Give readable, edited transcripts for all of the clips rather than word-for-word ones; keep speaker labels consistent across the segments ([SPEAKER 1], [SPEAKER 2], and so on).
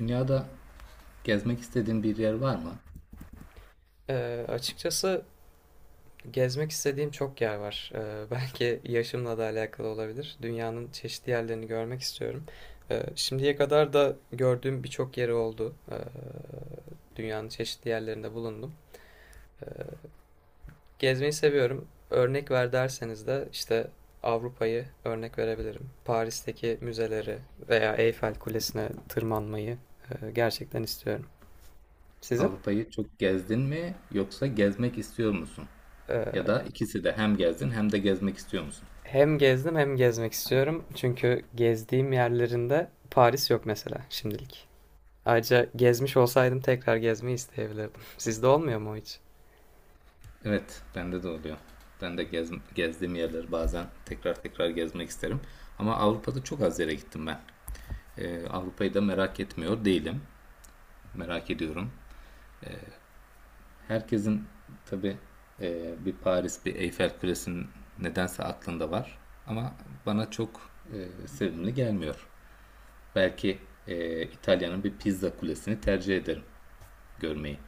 [SPEAKER 1] Dünyada gezmek istediğin bir yer var mı?
[SPEAKER 2] Açıkçası gezmek istediğim çok yer var. Belki yaşımla da alakalı olabilir. Dünyanın çeşitli yerlerini görmek istiyorum. Şimdiye kadar da gördüğüm birçok yeri oldu. Dünyanın çeşitli yerlerinde bulundum. Gezmeyi seviyorum. Örnek ver derseniz de işte Avrupa'yı örnek verebilirim. Paris'teki müzeleri veya Eyfel Kulesi'ne tırmanmayı gerçekten istiyorum. Sizin?
[SPEAKER 1] Avrupa'yı çok gezdin mi yoksa gezmek istiyor musun? Ya da ikisi de hem gezdin hem de gezmek istiyor musun?
[SPEAKER 2] Hem gezdim hem gezmek istiyorum. Çünkü gezdiğim yerlerinde Paris yok mesela şimdilik. Ayrıca gezmiş olsaydım tekrar gezmeyi isteyebilirdim. Sizde olmuyor mu o hiç?
[SPEAKER 1] Evet, bende de oluyor. Ben de gezdiğim yerleri bazen tekrar tekrar gezmek isterim. Ama Avrupa'da çok az yere gittim ben. Avrupa'yı da merak etmiyor değilim. Merak ediyorum. Herkesin tabii bir Paris, bir Eyfel Kulesi'nin nedense aklında var. Ama bana çok sevimli gelmiyor. Belki İtalya'nın bir pizza kulesini tercih ederim görmeyi.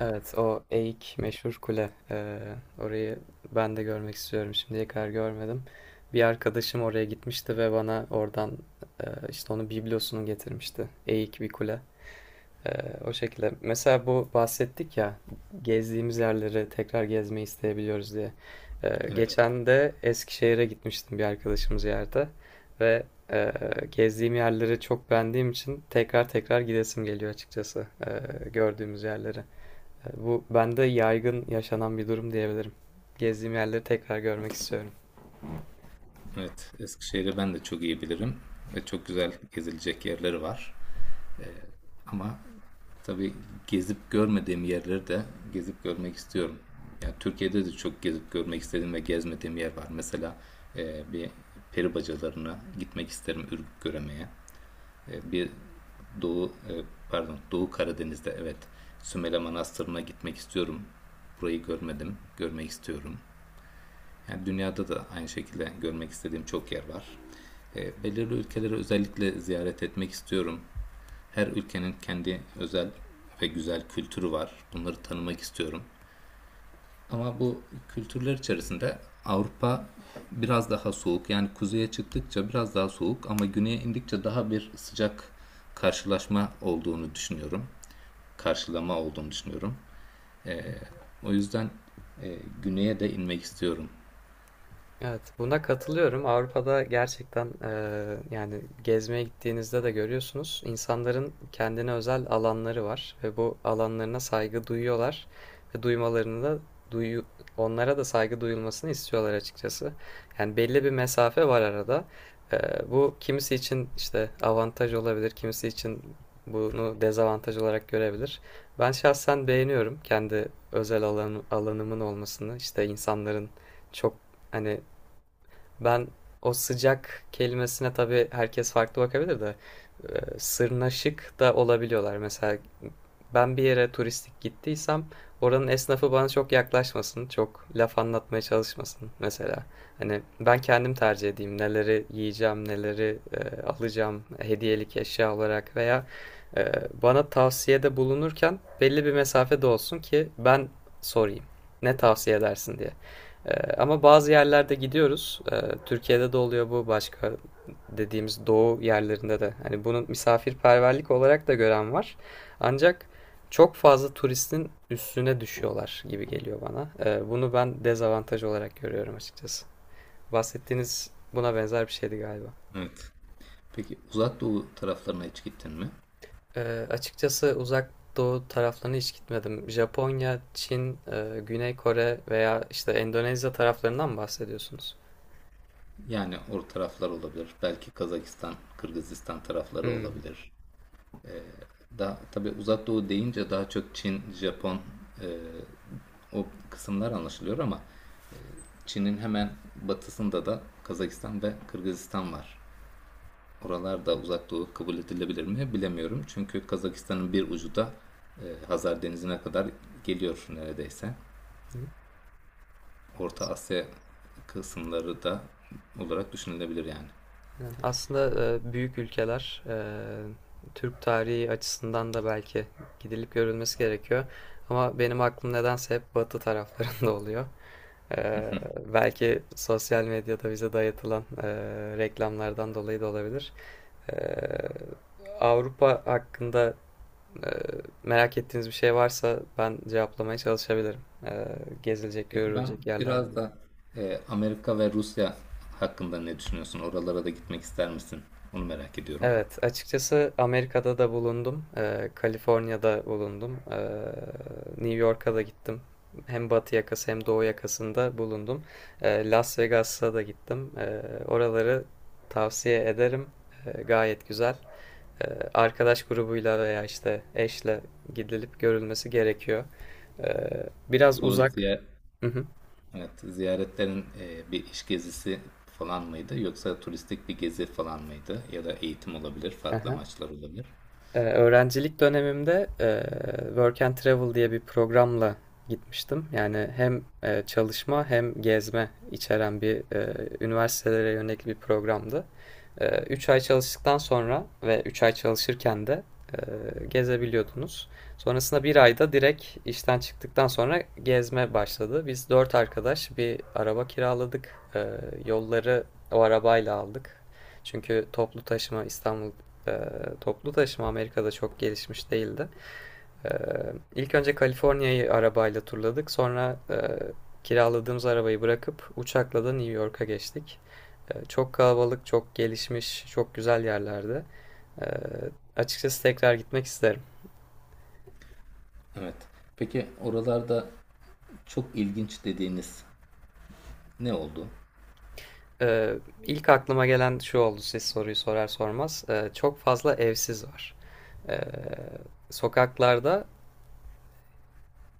[SPEAKER 2] Evet, o Eik meşhur kule. Orayı ben de görmek istiyorum. Şimdiye kadar görmedim. Bir arkadaşım oraya gitmişti ve bana oradan işte onun biblosunu getirmişti. Eik bir kule. Ee, O şekilde. Mesela bu bahsettik ya, gezdiğimiz yerleri tekrar gezmeyi isteyebiliyoruz diye.
[SPEAKER 1] Evet.
[SPEAKER 2] Geçen de Eskişehir'e gitmiştim bir arkadaşımız yerde ve e, gezdiğim yerleri çok beğendiğim için tekrar tekrar gidesim geliyor açıkçası, gördüğümüz yerleri. Bu bende yaygın yaşanan bir durum diyebilirim. Gezdiğim yerleri tekrar görmek istiyorum.
[SPEAKER 1] Evet. Eskişehir'i ben de çok iyi bilirim ve çok güzel gezilecek yerleri var. Ama tabii gezip görmediğim yerleri de gezip görmek istiyorum. Yani Türkiye'de de çok gezip görmek istediğim ve gezmediğim yer var. Mesela bir peri bacalarına gitmek isterim Ürgüp göremeye. E, bir Doğu e, pardon Doğu Karadeniz'de evet Sümele Manastırı'na gitmek istiyorum. Burayı görmedim, görmek istiyorum. Yani dünyada da aynı şekilde görmek istediğim çok yer var. Belirli ülkeleri özellikle ziyaret etmek istiyorum. Her ülkenin kendi özel ve güzel kültürü var. Bunları tanımak istiyorum. Ama bu kültürler içerisinde Avrupa biraz daha soğuk. Yani kuzeye çıktıkça biraz daha soğuk ama güneye indikçe daha bir sıcak karşılaşma olduğunu düşünüyorum. Karşılama olduğunu düşünüyorum. O yüzden güneye de inmek istiyorum.
[SPEAKER 2] Evet, buna katılıyorum. Avrupa'da gerçekten yani gezmeye gittiğinizde de görüyorsunuz. İnsanların kendine özel alanları var ve bu alanlarına saygı duyuyorlar ve duymalarını da duyu onlara da saygı duyulmasını istiyorlar açıkçası. Yani belli bir mesafe var arada. Eee, Bu kimisi için işte avantaj olabilir, kimisi için bunu dezavantaj olarak görebilir. Ben şahsen beğeniyorum kendi özel alanımın olmasını, işte insanların çok hani ben o sıcak kelimesine tabii herkes farklı bakabilir de sırnaşık da olabiliyorlar. Mesela ben bir yere turistik gittiysem oranın esnafı bana çok yaklaşmasın, çok laf anlatmaya çalışmasın mesela. Hani ben kendim tercih edeyim neleri yiyeceğim, neleri alacağım hediyelik eşya olarak veya e, bana tavsiyede bulunurken belli bir mesafede olsun ki ben sorayım. Ne tavsiye edersin diye. Ee, Ama bazı yerlerde gidiyoruz. Türkiye'de de oluyor bu, başka dediğimiz doğu yerlerinde de. Hani bunu misafirperverlik olarak da gören var. Ancak çok fazla turistin üstüne düşüyorlar gibi geliyor bana. Bunu ben dezavantaj olarak görüyorum açıkçası. Bahsettiğiniz buna benzer bir şeydi galiba.
[SPEAKER 1] Evet. Peki Uzak Doğu taraflarına hiç gittin mi?
[SPEAKER 2] Açıkçası uzak doğu taraflarına hiç gitmedim. Japonya, Çin, Güney Kore veya işte Endonezya taraflarından mı bahsediyorsunuz?
[SPEAKER 1] Yani o taraflar olabilir. Belki Kazakistan, Kırgızistan tarafları
[SPEAKER 2] Hmm.
[SPEAKER 1] olabilir. Daha, tabii Uzak Doğu deyince daha çok Çin, Japon e, o kısımlar anlaşılıyor ama Çin'in hemen batısında da Kazakistan ve Kırgızistan var. Oralarda Uzak Doğu kabul edilebilir mi bilemiyorum. Çünkü Kazakistan'ın bir ucu da Hazar Denizi'ne kadar geliyor neredeyse. Orta Asya kısımları da olarak düşünülebilir yani.
[SPEAKER 2] Aslında büyük ülkeler Türk tarihi açısından da belki gidilip görülmesi gerekiyor. Ama benim aklım nedense hep batı taraflarında oluyor. E, Belki sosyal medyada bize dayatılan reklamlardan dolayı da olabilir. E, Avrupa hakkında e, merak ettiğiniz bir şey varsa ben cevaplamaya çalışabilirim. E, Gezilecek,
[SPEAKER 1] Peki ben
[SPEAKER 2] görülecek yerler.
[SPEAKER 1] biraz da Amerika ve Rusya hakkında ne düşünüyorsun? Oralara da gitmek ister misin? Onu merak ediyorum.
[SPEAKER 2] Evet, açıkçası Amerika'da da bulundum, Kaliforniya'da bulundum, New York'a da gittim. Hem batı yakası hem doğu yakasında bulundum. Las Vegas'a da gittim. Oraları tavsiye ederim. Gayet güzel. Arkadaş grubuyla veya işte eşle gidilip görülmesi gerekiyor. Biraz
[SPEAKER 1] Bu
[SPEAKER 2] uzak.
[SPEAKER 1] ziyaret,
[SPEAKER 2] Hı
[SPEAKER 1] evet, ziyaretlerin bir iş gezisi falan mıydı yoksa turistik bir gezi falan mıydı ya da eğitim olabilir, farklı
[SPEAKER 2] hı.
[SPEAKER 1] amaçlar olabilir.
[SPEAKER 2] Öğrencilik dönemimde Work and Travel diye bir programla gitmiştim. Yani hem çalışma hem gezme içeren bir üniversitelere yönelik bir programdı. 3 ay çalıştıktan sonra ve 3 ay çalışırken de e, gezebiliyordunuz. Sonrasında bir ayda direkt işten çıktıktan sonra gezme başladı. Biz 4 arkadaş bir araba kiraladık. Yolları o arabayla aldık. Çünkü toplu taşıma e, toplu taşıma Amerika'da çok gelişmiş değildi. E, İlk önce Kaliforniya'yı arabayla turladık. Sonra kiraladığımız arabayı bırakıp uçakla da New York'a geçtik. Çok kalabalık, çok gelişmiş, çok güzel yerlerde. E, Açıkçası tekrar gitmek isterim.
[SPEAKER 1] Evet. Peki oralarda çok ilginç dediğiniz ne oldu?
[SPEAKER 2] Ee, ilk aklıma gelen şu oldu siz soruyu sorar sormaz. Çok fazla evsiz var. Ee, Sokaklarda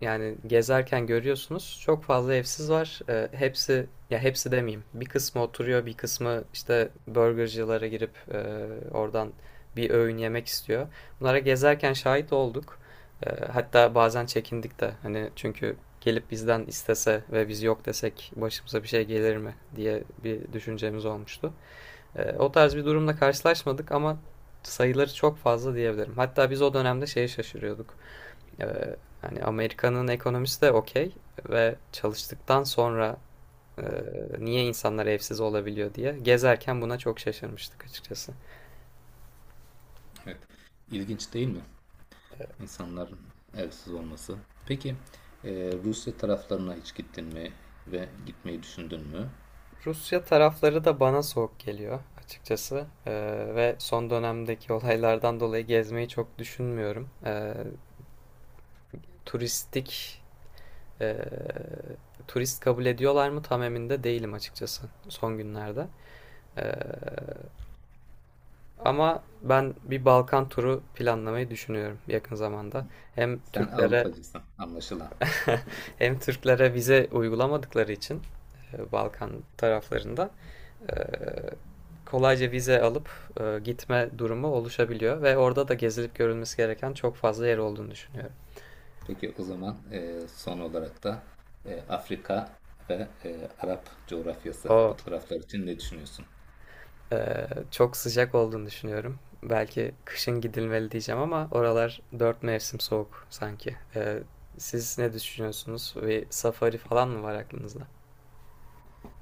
[SPEAKER 2] yani gezerken görüyorsunuz çok fazla evsiz var. Hepsi, ya hepsi demeyeyim. Bir kısmı oturuyor, bir kısmı işte burgercılara girip oradan bir öğün yemek istiyor. Bunlara gezerken şahit olduk. Hatta bazen çekindik de hani, çünkü gelip bizden istese ve biz yok desek başımıza bir şey gelir mi diye bir düşüncemiz olmuştu. O tarz bir durumla karşılaşmadık ama sayıları çok fazla diyebilirim. Hatta biz o dönemde şeye şaşırıyorduk. Hani Amerika'nın ekonomisi de okey ve çalıştıktan sonra eee, niye insanlar evsiz olabiliyor diye gezerken buna çok şaşırmıştık açıkçası.
[SPEAKER 1] Evet. İlginç değil mi? İnsanların evsiz olması. Peki Rusya taraflarına hiç gittin mi ve gitmeyi düşündün mü?
[SPEAKER 2] Rusya tarafları da bana soğuk geliyor açıkçası. Ve son dönemdeki olaylardan dolayı gezmeyi çok düşünmüyorum. Turistik eee, turist kabul ediyorlar mı tam emin de değilim açıkçası son günlerde. Eee, Ama ben bir Balkan turu planlamayı düşünüyorum yakın zamanda. Hem
[SPEAKER 1] Sen
[SPEAKER 2] Türklere
[SPEAKER 1] Avrupacısın anlaşılan.
[SPEAKER 2] Hem Türklere vize uygulamadıkları için Balkan taraflarında kolayca vize alıp gitme durumu oluşabiliyor ve orada da gezilip görülmesi gereken çok fazla yer olduğunu düşünüyorum.
[SPEAKER 1] Peki o zaman son olarak da Afrika ve Arap coğrafyası
[SPEAKER 2] O
[SPEAKER 1] bu taraflar için ne düşünüyorsun?
[SPEAKER 2] çok sıcak olduğunu düşünüyorum. Belki kışın gidilmeli diyeceğim ama oralar dört mevsim soğuk sanki. Siz ne düşünüyorsunuz? Bir safari falan mı var aklınızda?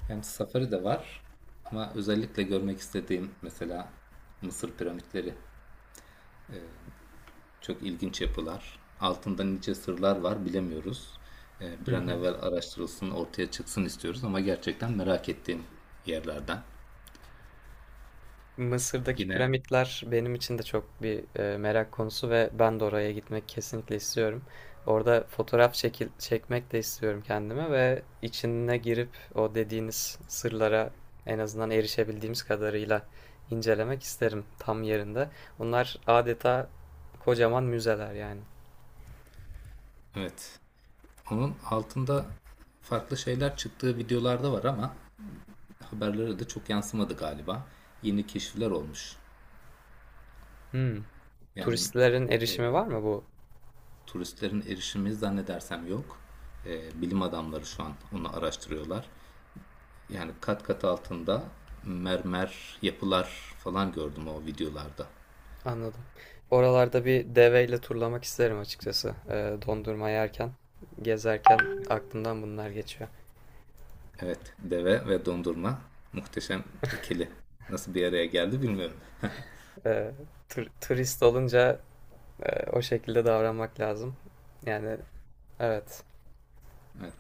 [SPEAKER 1] Hem safari de var ama özellikle görmek istediğim mesela Mısır piramitleri çok ilginç yapılar. Altında nice sırlar var bilemiyoruz. Bir an evvel araştırılsın ortaya çıksın istiyoruz ama gerçekten merak ettiğim yerlerden.
[SPEAKER 2] Mısır'daki
[SPEAKER 1] Yine
[SPEAKER 2] piramitler benim için de çok bir merak konusu ve ben de oraya gitmek kesinlikle istiyorum. Orada fotoğraf çekmek de istiyorum kendime ve içine girip o dediğiniz sırlara en azından erişebildiğimiz kadarıyla incelemek isterim tam yerinde. Bunlar adeta kocaman müzeler yani.
[SPEAKER 1] evet, onun altında farklı şeyler çıktığı videolarda var ama haberlere de çok yansımadı galiba. Yeni keşifler olmuş.
[SPEAKER 2] Hmm.
[SPEAKER 1] Yani
[SPEAKER 2] Turistlerin
[SPEAKER 1] e,
[SPEAKER 2] erişimi var mı bu?
[SPEAKER 1] turistlerin erişimi zannedersem yok. Bilim adamları şu an onu araştırıyorlar. Yani kat kat altında mermer yapılar falan gördüm o videolarda.
[SPEAKER 2] Anladım. Oralarda bir deveyle turlamak isterim açıkçası. Dondurma yerken, gezerken aklımdan bunlar geçiyor.
[SPEAKER 1] Evet, deve ve dondurma muhteşem ikili. Nasıl bir araya geldi bilmiyorum.
[SPEAKER 2] Ee, Turist olunca o şekilde davranmak lazım. Yani evet.